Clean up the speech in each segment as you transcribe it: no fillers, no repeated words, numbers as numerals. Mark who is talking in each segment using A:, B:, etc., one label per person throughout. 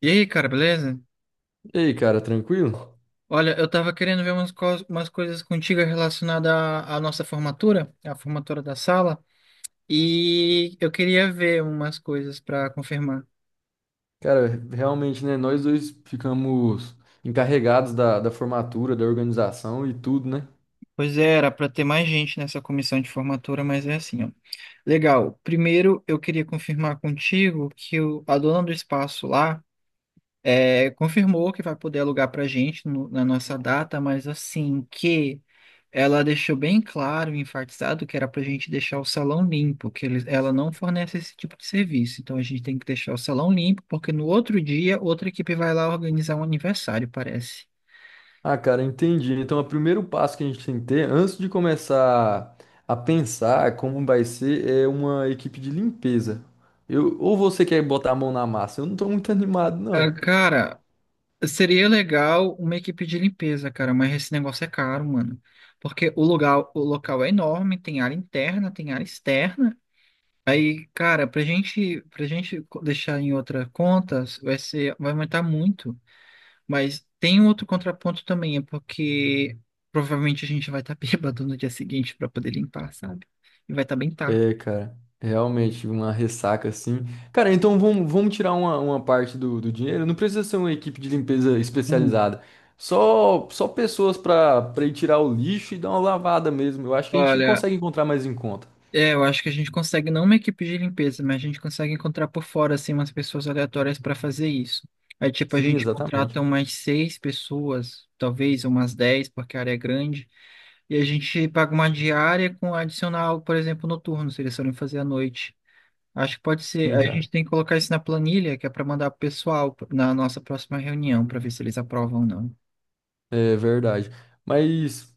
A: E aí, cara, beleza?
B: E aí, cara, tranquilo?
A: Olha, eu tava querendo ver umas, umas coisas contigo relacionadas à nossa formatura, à formatura da sala, e eu queria ver umas coisas para confirmar.
B: Cara, realmente, né? Nós dois ficamos encarregados da formatura, da organização e tudo, né?
A: Pois é, era para ter mais gente nessa comissão de formatura, mas é assim, ó. Legal. Primeiro, eu queria confirmar contigo que o, a dona do espaço lá. É, confirmou que vai poder alugar para gente na nossa data, mas assim que ela deixou bem claro e enfatizado que era para a gente deixar o salão limpo, que eles, ela não fornece esse tipo de serviço. Então a gente tem que deixar o salão limpo, porque no outro dia outra equipe vai lá organizar um aniversário, parece.
B: Ah, cara, entendi. Então, o primeiro passo que a gente tem que ter, antes de começar a pensar como vai ser, é uma equipe de limpeza. Eu, ou você quer botar a mão na massa? Eu não tô muito animado,
A: Ah,
B: não.
A: cara, seria legal uma equipe de limpeza, cara, mas esse negócio é caro, mano. Porque o lugar, o local é enorme, tem área interna, tem área externa. Aí, cara, pra gente deixar em outra conta, vai ser, vai aumentar muito. Mas tem um outro contraponto também, é porque provavelmente a gente vai estar bêbado no dia seguinte para poder limpar, sabe? E vai estar bem tarde.
B: É, cara, realmente uma ressaca assim. Cara, então vamos tirar uma parte do dinheiro. Não precisa ser uma equipe de limpeza
A: Hum.
B: especializada. Só pessoas pra para ir tirar o lixo e dar uma lavada mesmo. Eu acho que a gente
A: Olha,
B: consegue encontrar mais em conta.
A: é, eu acho que a gente consegue, não uma equipe de limpeza, mas a gente consegue encontrar por fora, assim, umas pessoas aleatórias para fazer isso. Aí, tipo, a
B: Sim,
A: gente
B: exatamente.
A: contrata umas seis pessoas, talvez umas dez, porque a área é grande, e a gente paga uma diária com adicional, por exemplo, noturno, se eles forem fazer à noite. Acho que pode ser.
B: Sim,
A: Aí a gente
B: cara.
A: tem que colocar isso na planilha, que é para mandar pro pessoal na nossa próxima reunião, para ver se eles aprovam ou não.
B: É verdade. Mas.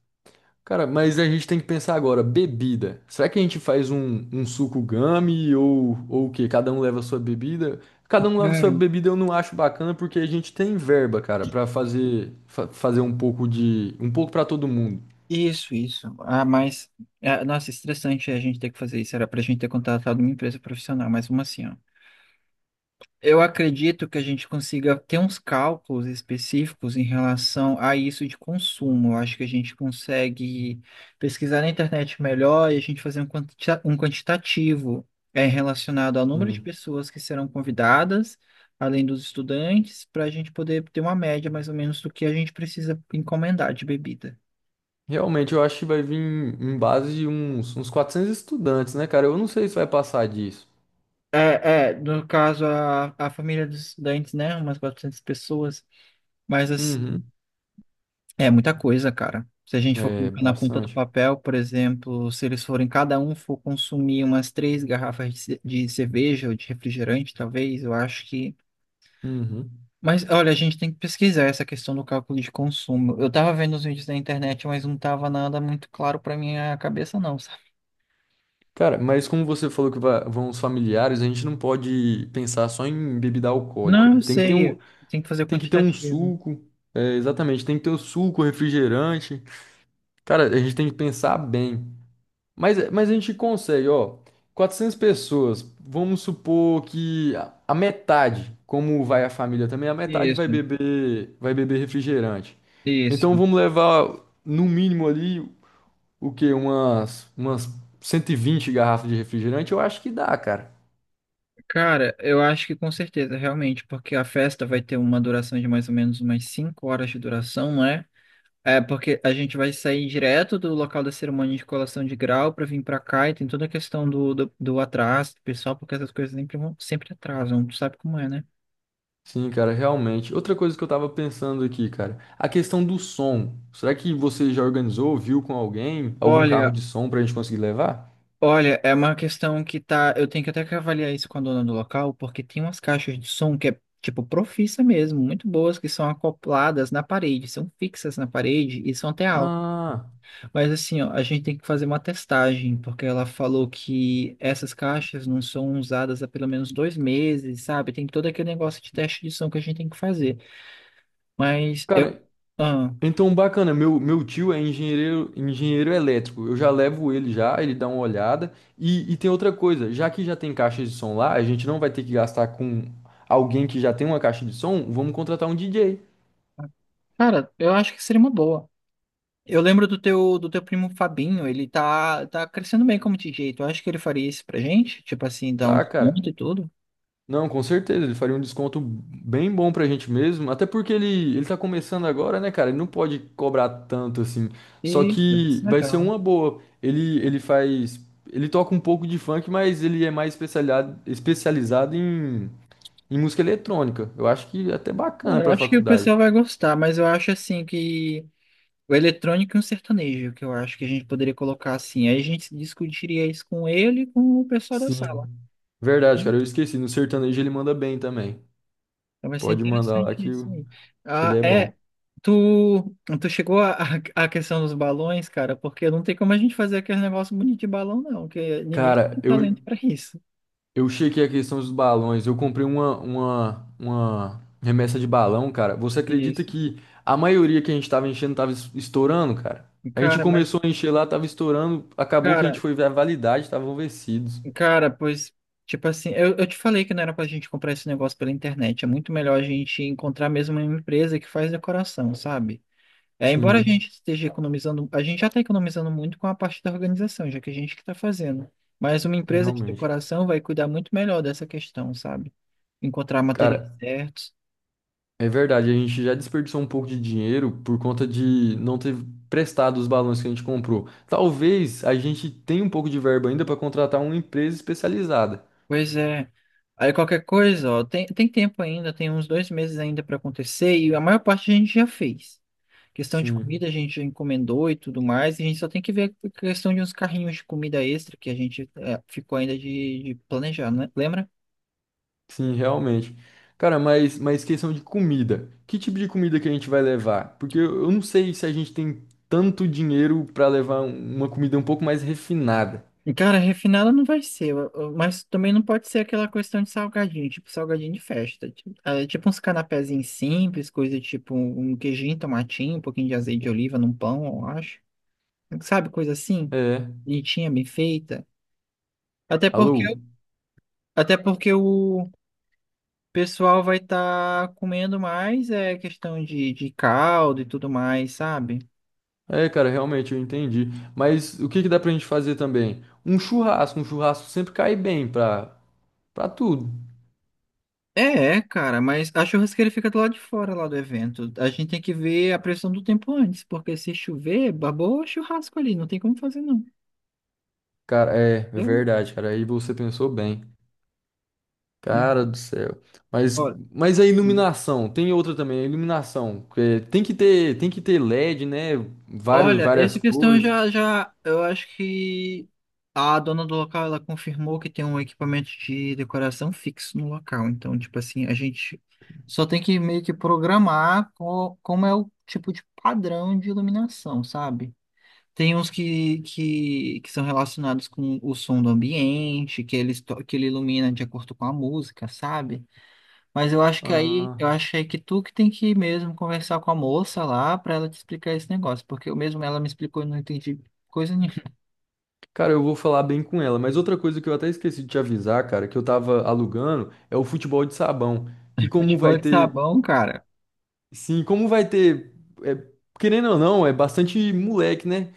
B: Cara, mas a gente tem que pensar agora, bebida. Será que a gente faz um suco gummy ou o quê? Cada um leva a sua bebida? Cada um leva a sua
A: Cara,
B: bebida, eu não acho bacana porque a gente tem verba, cara, pra fazer fazer um pouco de um pouco pra todo mundo.
A: isso, isso. Ah, mas, é, nossa, estressante a gente ter que fazer isso. Era pra gente ter contratado uma empresa profissional, mas uma assim, ó. Eu acredito que a gente consiga ter uns cálculos específicos em relação a isso de consumo. Eu acho que a gente consegue pesquisar na internet melhor e a gente fazer um um quantitativo é, relacionado ao número de
B: Hum.
A: pessoas que serão convidadas, além dos estudantes, para a gente poder ter uma média mais ou menos do que a gente precisa encomendar de bebida.
B: Realmente, eu acho que vai vir em base de uns, uns 400 estudantes, né, cara? Eu não sei se vai passar disso.
A: É, é, no caso, a família dos estudantes, né? Umas 400 pessoas. Mas, assim,
B: Uhum.
A: é muita coisa, cara. Se a gente for
B: É,
A: colocar na ponta do
B: bastante.
A: papel, por exemplo, se eles forem, cada um for consumir umas três garrafas de cerveja ou de refrigerante, talvez, eu acho que.
B: Uhum.
A: Mas, olha, a gente tem que pesquisar essa questão do cálculo de consumo. Eu tava vendo os vídeos na internet, mas não tava nada muito claro pra minha cabeça, não, sabe?
B: Cara, mas como você falou que vão os familiares, a gente não pode pensar só em bebida
A: Não, eu
B: alcoólica. Tem que ter
A: sei.
B: um,
A: Tem que fazer o
B: tem que ter um
A: quantitativo.
B: suco, é, exatamente, tem que ter o suco, refrigerante. Cara, a gente tem que pensar bem. Mas a gente consegue, ó, 400 pessoas, vamos supor que a metade, como vai a família também, a metade
A: Isso,
B: vai beber refrigerante.
A: isso.
B: Então vamos levar no mínimo ali o quê? Umas 120 garrafas de refrigerante, eu acho que dá, cara.
A: Cara, eu acho que com certeza, realmente, porque a festa vai ter uma duração de mais ou menos umas 5 horas de duração, né? É porque a gente vai sair direto do local da cerimônia de colação de grau para vir para cá e tem toda a questão do atraso, do pessoal, porque essas coisas sempre, sempre atrasam, tu sabe como é, né?
B: Sim, cara, realmente. Outra coisa que eu tava pensando aqui, cara, a questão do som. Será que você já organizou, viu com alguém, algum carro
A: Olha,
B: de som pra gente conseguir levar?
A: olha, é uma questão que tá. Eu tenho que até que avaliar isso com a dona do local, porque tem umas caixas de som que é tipo profissa mesmo, muito boas, que são acopladas na parede, são fixas na parede e são até.
B: Ah,
A: Mas assim, ó, a gente tem que fazer uma testagem, porque ela falou que essas caixas não são usadas há pelo menos dois meses, sabe? Tem todo aquele negócio de teste de som que a gente tem que fazer. Mas eu,
B: cara,
A: ah,
B: então bacana. Meu tio é engenheiro, engenheiro elétrico. Eu já levo ele já, ele dá uma olhada. E tem outra coisa, já que já tem caixa de som lá, a gente não vai ter que gastar com alguém que já tem uma caixa de som, vamos contratar um DJ.
A: cara, eu acho que seria uma boa. Eu lembro do teu primo Fabinho, ele tá crescendo bem como DJ. Tu acha que ele faria isso pra gente? Tipo assim, dar um
B: Tá, cara.
A: desconto e tudo?
B: Não, com certeza, ele faria um desconto bem bom pra gente mesmo, até porque ele tá começando agora, né, cara? Ele não pode cobrar tanto assim. Só
A: Isso, vai
B: que
A: ser
B: vai ser
A: legal.
B: uma boa. Ele faz. Ele toca um pouco de funk, mas ele é mais especializado, especializado em, em música eletrônica. Eu acho que é até
A: É,
B: bacana
A: eu
B: pra
A: acho que o
B: faculdade.
A: pessoal vai gostar, mas eu acho assim que o eletrônico e um sertanejo, que eu acho que a gente poderia colocar assim. Aí a gente discutiria isso com ele e com o pessoal da sala.
B: Sim.
A: Né?
B: Verdade, cara, eu esqueci. No sertanejo ele manda bem também.
A: Então vai ser
B: Pode mandar lá
A: interessante
B: que,
A: isso aí.
B: que ele
A: Ah,
B: é
A: é.
B: bom.
A: Tu, tu chegou à à questão dos balões, cara, porque não tem como a gente fazer aquele negócio bonito de balão, não, porque ninguém
B: Cara,
A: tem talento
B: eu,
A: pra isso.
B: Eu chequei a questão dos balões. Eu comprei uma remessa de balão, cara. Você acredita
A: Isso.
B: que a maioria que a gente tava enchendo tava estourando, cara? A gente
A: Cara, mas,
B: começou a encher lá, tava estourando. Acabou que a gente
A: cara,
B: foi ver a validade, estavam vencidos.
A: cara, tipo assim, eu te falei que não era pra gente comprar esse negócio pela internet. É muito melhor a gente encontrar mesmo uma empresa que faz decoração, sabe? É, embora a
B: Sim,
A: gente esteja economizando, a gente já está economizando muito com a parte da organização, já que a gente que está fazendo. Mas uma empresa de
B: realmente.
A: decoração vai cuidar muito melhor dessa questão, sabe? Encontrar materiais
B: Cara,
A: certos.
B: é verdade. A gente já desperdiçou um pouco de dinheiro por conta de não ter prestado os balões que a gente comprou. Talvez a gente tenha um pouco de verba ainda para contratar uma empresa especializada.
A: Pois é. Aí qualquer coisa, ó, tem tempo ainda, tem uns dois meses ainda para acontecer e a maior parte a gente já fez. Questão de comida
B: Sim.
A: a gente já encomendou e tudo mais, e a gente só tem que ver a questão de uns carrinhos de comida extra que a gente eh, ficou ainda de planejar, né? Lembra?
B: Sim, realmente. Cara, mas questão de comida. Que tipo de comida que a gente vai levar? Porque eu não sei se a gente tem tanto dinheiro pra levar uma comida um pouco mais refinada.
A: Cara, refinada não vai ser, mas também não pode ser aquela questão de salgadinho, tipo salgadinho de festa. Tipo, é, tipo uns canapézinhos simples, coisa tipo um queijinho, tomatinho, um pouquinho de azeite de oliva num pão, eu acho. Sabe, coisa assim?
B: É.
A: Bonitinha, bem feita. Até porque,
B: Alô?
A: até porque o pessoal vai estar comendo mais, é questão de caldo e tudo mais, sabe?
B: É, cara, realmente eu entendi. Mas o que que dá pra gente fazer também? Um churrasco. Um churrasco sempre cai bem pra, pra tudo.
A: É, é, cara, mas a churrasqueira fica do lado de fora lá do evento. A gente tem que ver a pressão do tempo antes, porque se chover, babou o churrasco ali, não tem como fazer não.
B: Cara, é, é
A: Eu-
B: verdade, cara. Aí você pensou bem. Cara
A: não.
B: do céu. Mas,
A: Olha,
B: mas a iluminação, tem outra também, a iluminação. Que tem que ter LED, né? Vários,
A: olha,
B: várias
A: essa questão
B: cores.
A: já, eu acho que a dona do local, ela confirmou que tem um equipamento de decoração fixo no local. Então, tipo assim, a gente só tem que meio que programar como é o tipo de padrão de iluminação, sabe? Tem uns que são relacionados com o som do ambiente, que ele, que ele ilumina de acordo com a música, sabe? Mas eu acho que aí,
B: Ah,
A: eu achei que tu que tem que ir mesmo conversar com a moça lá pra ela te explicar esse negócio, porque eu mesmo ela me explicou e não entendi coisa nenhuma.
B: cara, eu vou falar bem com ela. Mas outra coisa que eu até esqueci de te avisar, cara, que eu tava alugando, é o futebol de sabão. Que como vai
A: Futebol de
B: ter,
A: sabão, cara.
B: sim, como vai ter, é, querendo ou não, é bastante moleque, né?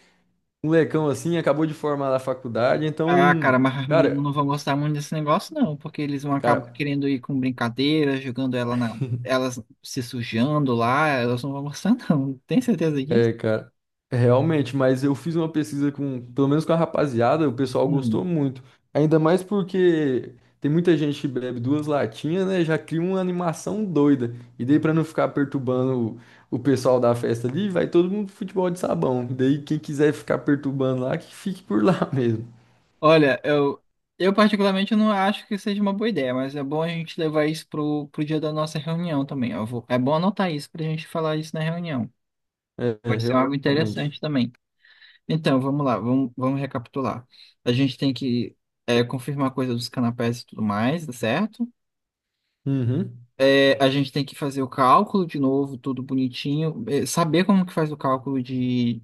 B: Molecão assim, acabou de formar na faculdade, então,
A: Ah, cara, mas as meninas
B: cara.
A: não vão gostar muito desse negócio, não, porque eles vão
B: Cara,
A: acabar querendo ir com brincadeira, jogando ela na, elas se sujando lá, elas não vão gostar, não. Tem certeza disso?
B: é, cara, é, realmente, mas eu fiz uma pesquisa com, pelo menos com a rapaziada, o pessoal gostou
A: Hum.
B: muito. Ainda mais porque tem muita gente que bebe duas latinhas, né? Já cria uma animação doida. E daí, pra não ficar perturbando o pessoal da festa ali, vai todo mundo pro futebol de sabão. Daí, quem quiser ficar perturbando lá, que fique por lá mesmo.
A: Olha, eu particularmente não acho que seja uma boa ideia, mas é bom a gente levar isso pro dia da nossa reunião também. Eu vou, é bom anotar isso pra gente falar isso na reunião.
B: É, é,
A: Pode ser algo
B: realmente.
A: interessante também. Então, vamos lá, vamos recapitular. A gente tem que é, confirmar a coisa dos canapés e tudo mais, tá certo?
B: Uhum,
A: É, a gente tem que fazer o cálculo de novo, tudo bonitinho. É, saber como que faz o cálculo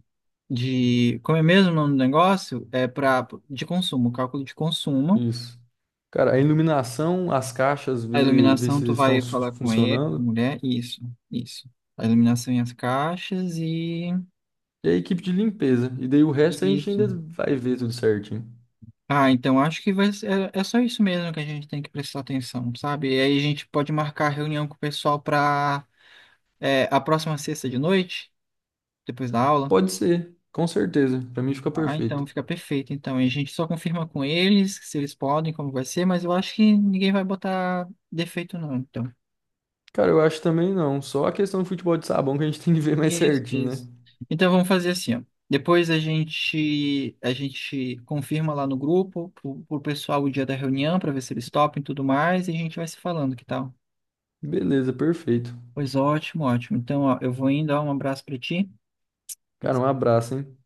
A: de... Como é mesmo o nome do negócio? É pra, de consumo, cálculo de consumo.
B: isso. Cara, a iluminação, as caixas,
A: A
B: ver
A: iluminação,
B: se
A: tu
B: estão
A: vai falar com ele, com a
B: funcionando.
A: mulher, isso, isso. A iluminação e as caixas e
B: E a equipe de limpeza. E daí o resto a gente
A: isso.
B: ainda vai ver tudo certinho.
A: Ah, então acho que vai ser, é, é só isso mesmo que a gente tem que prestar atenção, sabe? E aí a gente pode marcar reunião com o pessoal para a próxima sexta de noite, depois da aula.
B: Pode ser, com certeza. Pra mim fica
A: Ah, então
B: perfeito.
A: fica perfeito. Então e a gente só confirma com eles se eles podem, como vai ser, mas eu acho que ninguém vai botar defeito não, então.
B: Cara, eu acho também não. Só a questão do futebol de sabão que a gente tem que ver mais
A: Isso,
B: certinho, né?
A: isso. Então vamos fazer assim, ó. Depois a gente confirma lá no grupo pro, pro pessoal o dia da reunião para ver se eles topam e tudo mais e a gente vai se falando, que tal?
B: Beleza, perfeito.
A: Pois ótimo, ótimo. Então, ó, eu vou indo, ó, um abraço para ti.
B: Cara, um abraço, hein?